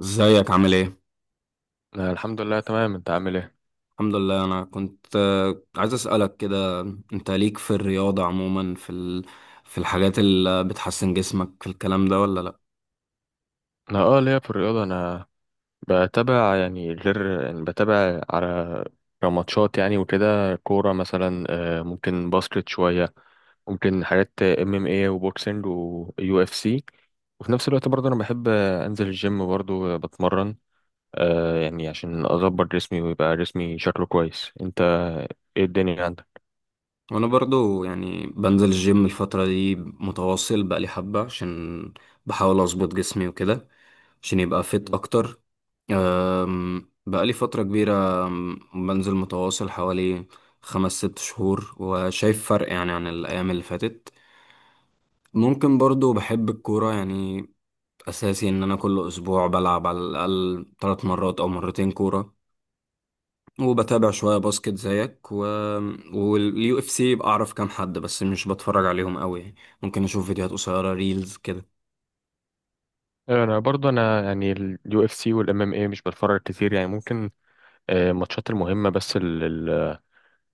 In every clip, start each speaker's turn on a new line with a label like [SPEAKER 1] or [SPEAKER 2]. [SPEAKER 1] ازيك عامل ايه؟
[SPEAKER 2] أنا الحمد لله تمام، انت عامل ايه؟
[SPEAKER 1] الحمد لله انا كنت عايز اسألك كده. انت ليك في الرياضة عموما في الحاجات اللي بتحسن جسمك في الكلام ده ولا لا؟
[SPEAKER 2] انا ليا في الرياضه، انا بتابع يعني، غير يعني بتابع على ماتشات يعني وكده، كوره مثلا، ممكن باسكت شويه، ممكن حاجات ام ام اي وبوكسنج ويو اف سي. وفي نفس الوقت برضه انا بحب انزل الجيم برضه، بتمرن، يعني عشان اظبط جسمي ويبقى جسمي شكله كويس. انت ايه الدنيا عندك؟
[SPEAKER 1] وانا برضو يعني بنزل الجيم الفترة دي متواصل بقالي حبة، عشان بحاول اظبط جسمي وكده عشان يبقى فيت
[SPEAKER 2] مم.
[SPEAKER 1] اكتر. بقالي فترة كبيرة، بنزل متواصل حوالي خمس ست شهور وشايف فرق يعني عن الأيام اللي فاتت. ممكن برضو بحب الكورة يعني أساسي، إن أنا كل أسبوع بلعب على الأقل تلات مرات أو مرتين كورة. وبتابع شوية باسكت زيك واليو اف سي، بعرف كام حد بس مش بتفرج عليهم قوي يعني. ممكن أشوف فيديوهات قصيرة ريلز كده.
[SPEAKER 2] انا برضه، انا يعني اليو اف سي والام ام اي مش بتفرج كتير يعني، ممكن الماتشات المهمة بس،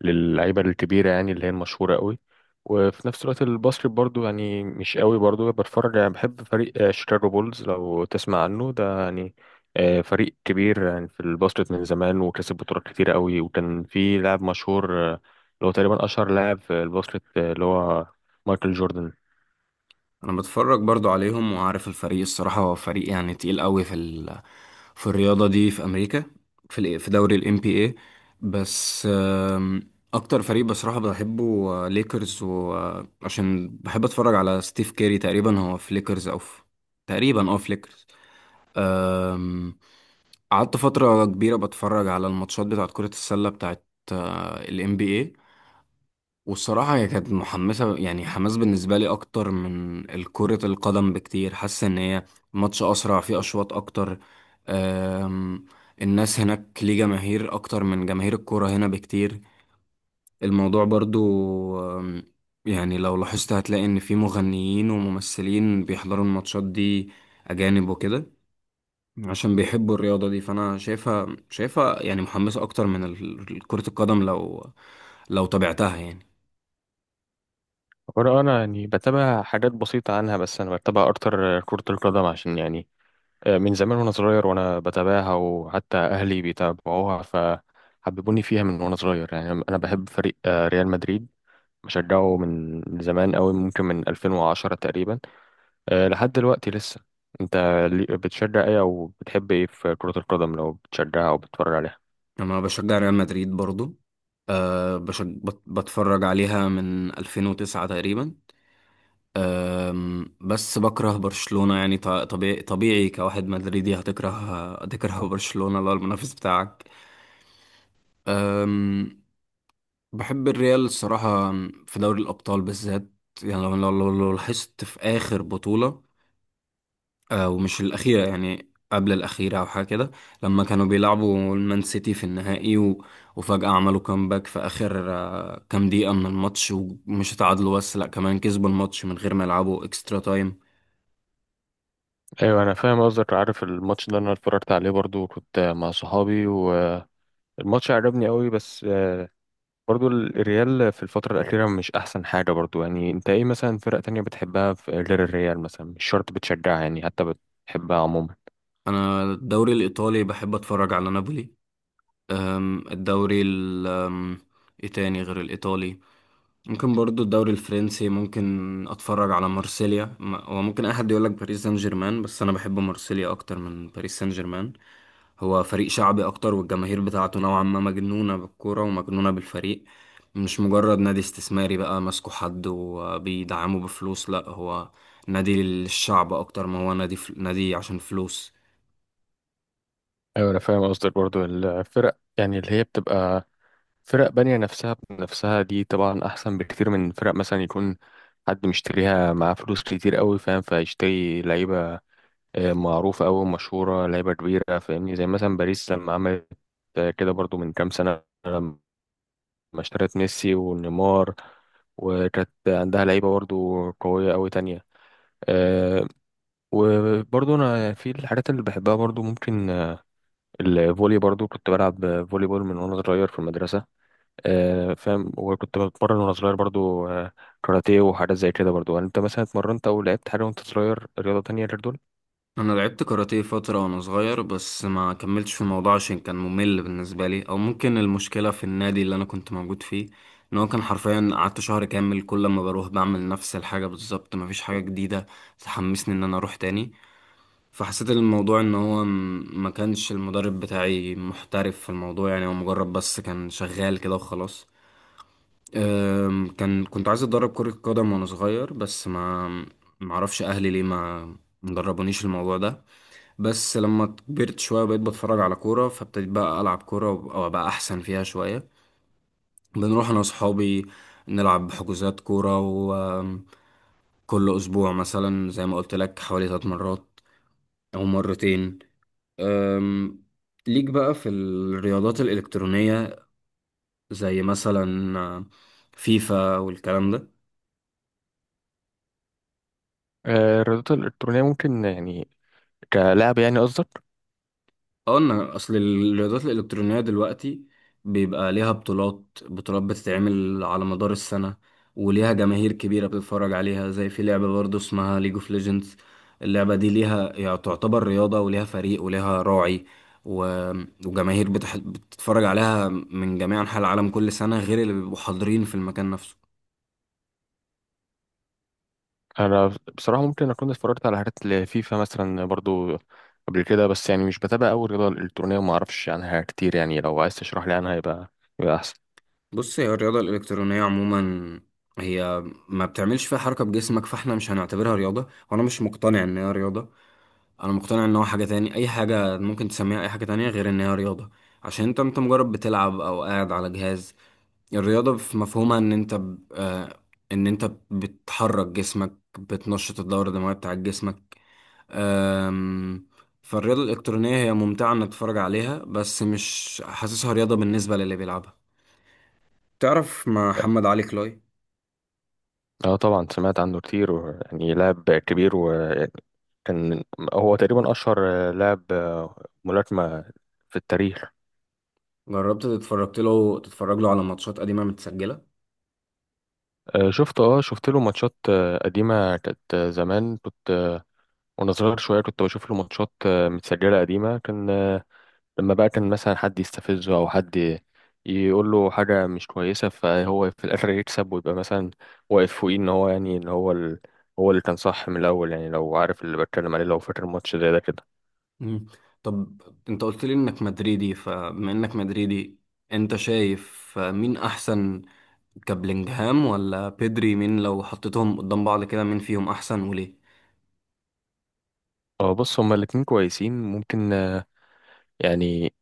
[SPEAKER 2] للعيبة الكبيرة يعني، اللي هي المشهورة قوي. وفي نفس الوقت الباسكت برضو يعني مش قوي برضو بتفرج يعني، بحب فريق شيكاغو بولز، لو تسمع عنه ده يعني، فريق كبير يعني في الباسكت من زمان، وكسب بطولات كتيرة قوي، وكان في لاعب مشهور اللي هو تقريبا أشهر لاعب في الباسكت، اللي هو مايكل جوردن.
[SPEAKER 1] انا بتفرج برضو عليهم وعارف الفريق، الصراحه هو فريق يعني تقيل قوي في الرياضه دي في امريكا، في دوري الام بي اي. بس اكتر فريق بصراحه بحبه ليكرز، وعشان بحب اتفرج على ستيف كيري، تقريبا هو في ليكرز او في، تقريبا اه في ليكرز. آم، قعدت فتره كبيره بتفرج على الماتشات بتاعت كره السله بتاعت الام بي اي. والصراحة هي كانت محمسة يعني حماس بالنسبة لي أكتر من كرة القدم بكتير، حاسة إن هي ماتش أسرع فيه أشواط أكتر. أم، الناس هناك ليه جماهير أكتر من جماهير الكرة هنا بكتير. الموضوع برضو، أم، يعني لو لاحظت هتلاقي إن في مغنيين وممثلين بيحضروا الماتشات دي، أجانب وكده، عشان بيحبوا الرياضة دي. فأنا شايفها يعني محمسة أكتر من كرة القدم، لو تابعتها يعني.
[SPEAKER 2] وأنا يعني بتابع حاجات بسيطة عنها، بس أنا بتابع أكتر كرة القدم، عشان يعني من زمان وانا صغير وانا بتابعها، وحتى اهلي بيتابعوها فحببوني فيها من وانا صغير يعني. انا بحب فريق ريال مدريد، بشجعه من زمان قوي، ممكن من 2010 تقريبا لحد دلوقتي لسه. انت بتشجع ايه او بتحب ايه في كرة القدم، لو بتشجعها او بتتفرج عليها؟
[SPEAKER 1] انا بشجع ريال مدريد برضو. أه بتفرج عليها من 2009 تقريبا. أم... بس بكره برشلونة يعني طبيعي كواحد مدريدي هتكره، برشلونة اللي هو المنافس بتاعك. أم... بحب الريال الصراحة في دوري الأبطال بالذات. يعني لو لاحظت في آخر بطولة، ومش الأخيرة يعني قبل الأخيرة أو حاجة كده، لما كانوا بيلعبوا المان سيتي في النهائي وفجأة عملوا كامباك في آخر كام دقيقة من الماتش، ومش اتعادلوا بس، لأ كمان كسبوا الماتش من غير ما يلعبوا إكسترا تايم.
[SPEAKER 2] ايوه، انا فاهم قصدك، عارف الماتش ده، انا اتفرجت عليه برضو، كنت مع صحابي، والماتش عجبني قوي. بس برضو الريال في الفترة الأخيرة مش أحسن حاجة برضو يعني. أنت إيه مثلا، فرق تانية بتحبها، غير الريال مثلا، مش شرط بتشجعها يعني، حتى بتحبها عموما؟
[SPEAKER 1] أنا الدوري الإيطالي بحب أتفرج على نابولي. أم، إيه تاني غير الإيطالي؟ ممكن برضو الدوري الفرنسي، ممكن اتفرج على مارسيليا. هو ممكن اي حد يقول لك باريس سان جيرمان، بس انا بحب مارسيليا اكتر من باريس سان جيرمان. هو فريق شعبي اكتر، والجماهير بتاعته نوعا ما مجنونة بالكورة ومجنونة بالفريق، مش مجرد نادي استثماري بقى ماسكه حد وبيدعمه بفلوس. لا، هو نادي للشعب اكتر ما هو نادي عشان فلوس.
[SPEAKER 2] أيوة، أنا فاهم قصدك، برضو الفرق يعني اللي هي بتبقى فرق بانية نفسها بنفسها، دي طبعا أحسن بكتير من فرق مثلا يكون حد مشتريها معاه فلوس كتير قوي فاهم، فيشتري لعيبة معروفة أوي، مشهورة، لعيبة كبيرة فاهمني، زي مثلا باريس لما عملت كده برضو من كام سنة، لما اشترت ميسي ونيمار، وكانت عندها لعيبة برضو قوية أوي تانية. أه، وبرضو أنا في الحاجات اللي بحبها برضو، ممكن الفولي، برضو كنت بلعب فولي بول من وأنا صغير في المدرسة. أه فاهم، وكنت بتمرن وأنا صغير برضو، كاراتيه وحاجات زي كده برضو يعني. أنت مثلا اتمرنت أو لعبت حاجة وأنت صغير، رياضة تانية غير دول؟
[SPEAKER 1] انا لعبت كاراتيه فتره وانا صغير، بس ما كملتش في الموضوع عشان كان ممل بالنسبه لي، او ممكن المشكله في النادي اللي انا كنت موجود فيه، ان هو كان حرفيا قعدت شهر كامل كل ما بروح بعمل نفس الحاجه بالظبط، مفيش حاجه جديده تحمسني ان انا اروح تاني. فحسيت الموضوع ان هو ما كانش المدرب بتاعي محترف في الموضوع، يعني هو مجرد بس كان شغال كده وخلاص. أم، كنت عايز اتدرب كره قدم وانا صغير، بس ما معرفش اهلي ليه ما مدربونيش الموضوع ده. بس لما كبرت شوية بقيت بتفرج على كورة، فابتديت بقى ألعب كورة أو أبقى أحسن فيها شوية. بنروح أنا وصحابي نلعب حجوزات كورة، وكل أسبوع مثلا زي ما قلت لك حوالي ثلاث مرات أو مرتين. أم، ليك بقى في الرياضات الإلكترونية، زي مثلا فيفا والكلام ده؟
[SPEAKER 2] الرياضات الإلكترونية ممكن يعني، كلعب يعني قصدك؟
[SPEAKER 1] قلنا اصل الرياضات الالكترونيه دلوقتي بيبقى ليها بطولات بتتعمل على مدار السنه، وليها جماهير كبيره بتتفرج عليها، زي في لعبه برضه اسمها ليج اوف ليجندز. اللعبه دي ليها، يعني تعتبر رياضه وليها فريق وليها راعي و... وجماهير بتتفرج عليها من جميع انحاء العالم كل سنه، غير اللي بيبقوا حاضرين في المكان نفسه.
[SPEAKER 2] انا بصراحه ممكن اكون اتفرجت على حاجات لفيفا مثلا برضو قبل كده، بس يعني مش بتابع أوي الرياضه الالكترونيه، وما اعرفش عنها كتير يعني. لو عايز تشرح لي عنها، يبقى احسن.
[SPEAKER 1] بص، هي الرياضة الإلكترونية عموما هي ما بتعملش فيها حركة بجسمك، فاحنا مش هنعتبرها رياضة، وأنا مش مقتنع إن هي رياضة. أنا مقتنع إن هو حاجة تاني، أي حاجة ممكن تسميها أي حاجة تانية غير إن هي رياضة. عشان أنت مجرد بتلعب أو قاعد على جهاز. الرياضة في مفهومها إن أنت ب... آه، إن أنت بتحرك جسمك، بتنشط الدورة الدموية بتاع جسمك. أم، فالرياضة الإلكترونية هي ممتعة إنك تتفرج عليها، بس مش حاسسها رياضة بالنسبة للي بيلعبها. تعرف مع محمد علي كلاي؟
[SPEAKER 2] اه طبعا، سمعت عنه كتير، ويعني لاعب كبير، وكان هو تقريبا اشهر لاعب ملاكمه في التاريخ.
[SPEAKER 1] جربت تتفرج له على ماتشات قديمة متسجلة؟
[SPEAKER 2] شفت، اه شفت له ماتشات قديمة، كانت زمان، كنت وانا صغير شوية كنت بشوف له ماتشات متسجلة قديمة، كان لما بقى كان مثلا حد يستفزه او حد يقول له حاجه مش كويسه، فهو في الاخر يكسب، ويبقى مثلا واقف فوقيه، ان هو يعني ان هو هو اللي كان صح من الاول يعني. لو عارف اللي بتكلم عليه، لو فاكر ماتش زي ده كده؟
[SPEAKER 1] مم. طب انت قلت لي انك مدريدي، فبما انك مدريدي انت شايف مين احسن، كابلينجهام ولا بيدري؟ مين لو حطيتهم قدام بعض كده مين فيهم احسن وليه؟
[SPEAKER 2] اه بص، هما الاتنين كويسين، ممكن يعني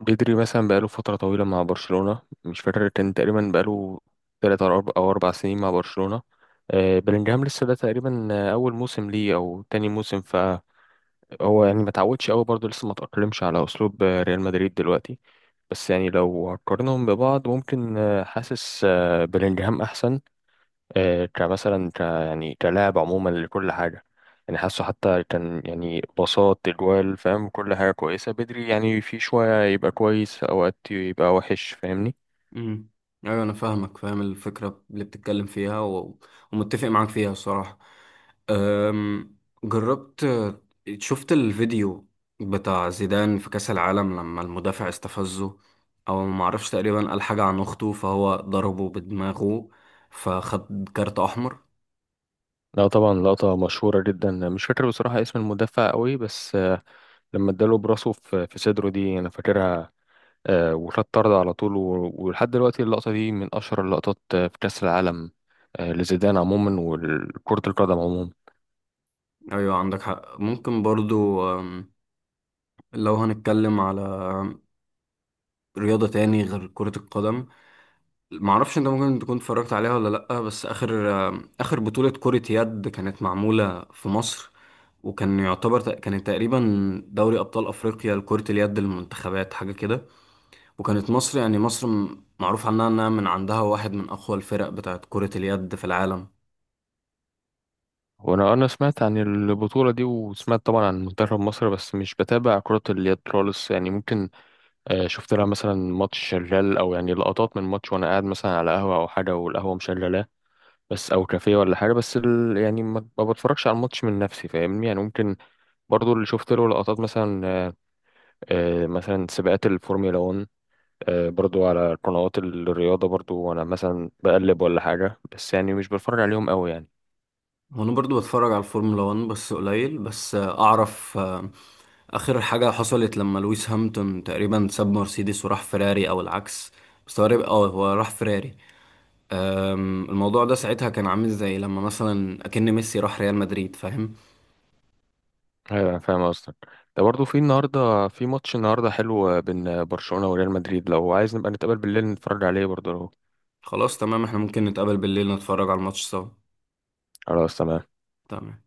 [SPEAKER 2] بدري مثلا بقاله فتره طويله مع برشلونه، مش فاكر، كان تقريبا بقاله تلات أو أربع سنين مع برشلونة. بلينجهام لسه، ده تقريبا أول موسم ليه أو تاني موسم، هو يعني ما تعودش قوي برضه، لسه ما تأقلمش على أسلوب ريال مدريد دلوقتي. بس يعني لو هقارنهم ببعض، ممكن حاسس بلينجهام أحسن، كمثلا يعني كلاعب عموما لكل حاجة يعني، حاسه حتى كان يعني باصات، اجوال، فاهم كل حاجة كويسة. بدري يعني في شوية يبقى كويس، أوقات يبقى وحش فاهمني.
[SPEAKER 1] امم، ايوه انا فاهمك، فاهم الفكره اللي بتتكلم فيها ومتفق معاك فيها الصراحه. أم... جربت شفت الفيديو بتاع زيدان في كاس العالم لما المدافع استفزه، او ما اعرفش، تقريبا قال حاجه عن اخته، فهو ضربه بدماغه فخد كارت احمر؟
[SPEAKER 2] لا طبعا، لقطة مشهورة جدا، مش فاكر بصراحة اسم المدافع قوي، بس لما اداله براسه في صدره دي أنا فاكرها، وخد طرد على طول. ولحد دلوقتي اللقطة دي من أشهر اللقطات في كأس العالم، لزيدان عموما وكرة القدم عموما.
[SPEAKER 1] ايوه عندك حق. ممكن برضو، أم، لو هنتكلم على رياضه تاني غير كره القدم، معرفش انت ممكن تكون اتفرجت عليها ولا لأ، بس آخر بطولة كرة يد كانت معمولة في مصر، وكان يعتبر كانت تقريبا دوري أبطال أفريقيا لكرة اليد للمنتخبات حاجة كده. وكانت مصر يعني، مصر معروف عنها إنها من عندها واحد من أقوى الفرق بتاعت كرة اليد في العالم.
[SPEAKER 2] وأنا سمعت عن البطولة دي، وسمعت طبعا عن منتخب مصر، بس مش بتابع كرة اليد خالص يعني. ممكن شفت لها مثلا ماتش شغال، أو يعني لقطات من ماتش وأنا قاعد مثلا على قهوة أو حاجة والقهوة مشغلاه بس، أو كافيه ولا حاجة، بس يعني ما بتفرجش على الماتش من نفسي فاهمني يعني. ممكن برضو اللي شفت له لقطات مثلا، مثلا سباقات الفورمولا 1، برضو على قنوات الرياضة برضو، وأنا مثلا بقلب ولا حاجة، بس يعني مش بتفرج عليهم قوي يعني.
[SPEAKER 1] وأنا برضو بتفرج على الفورمولا 1 بس قليل. بس أعرف آخر حاجة حصلت لما لويس هامilton تقريبا ساب مرسيدس وراح فيراري، أو العكس. بس هو اه هو راح فيراري. أم، الموضوع ده ساعتها كان عامل زي لما مثلا أكن ميسي راح ريال مدريد، فاهم؟
[SPEAKER 2] أيوة أنا فاهم قصدك. ده برضو في النهاردة، في ماتش النهاردة حلو بين برشلونة وريال مدريد، لو عايز نبقى نتقابل بالليل نتفرج عليه برضو لو...
[SPEAKER 1] خلاص تمام، احنا ممكن نتقابل بالليل نتفرج على الماتش سوا.
[SPEAKER 2] خلاص تمام.
[SPEAKER 1] تمام.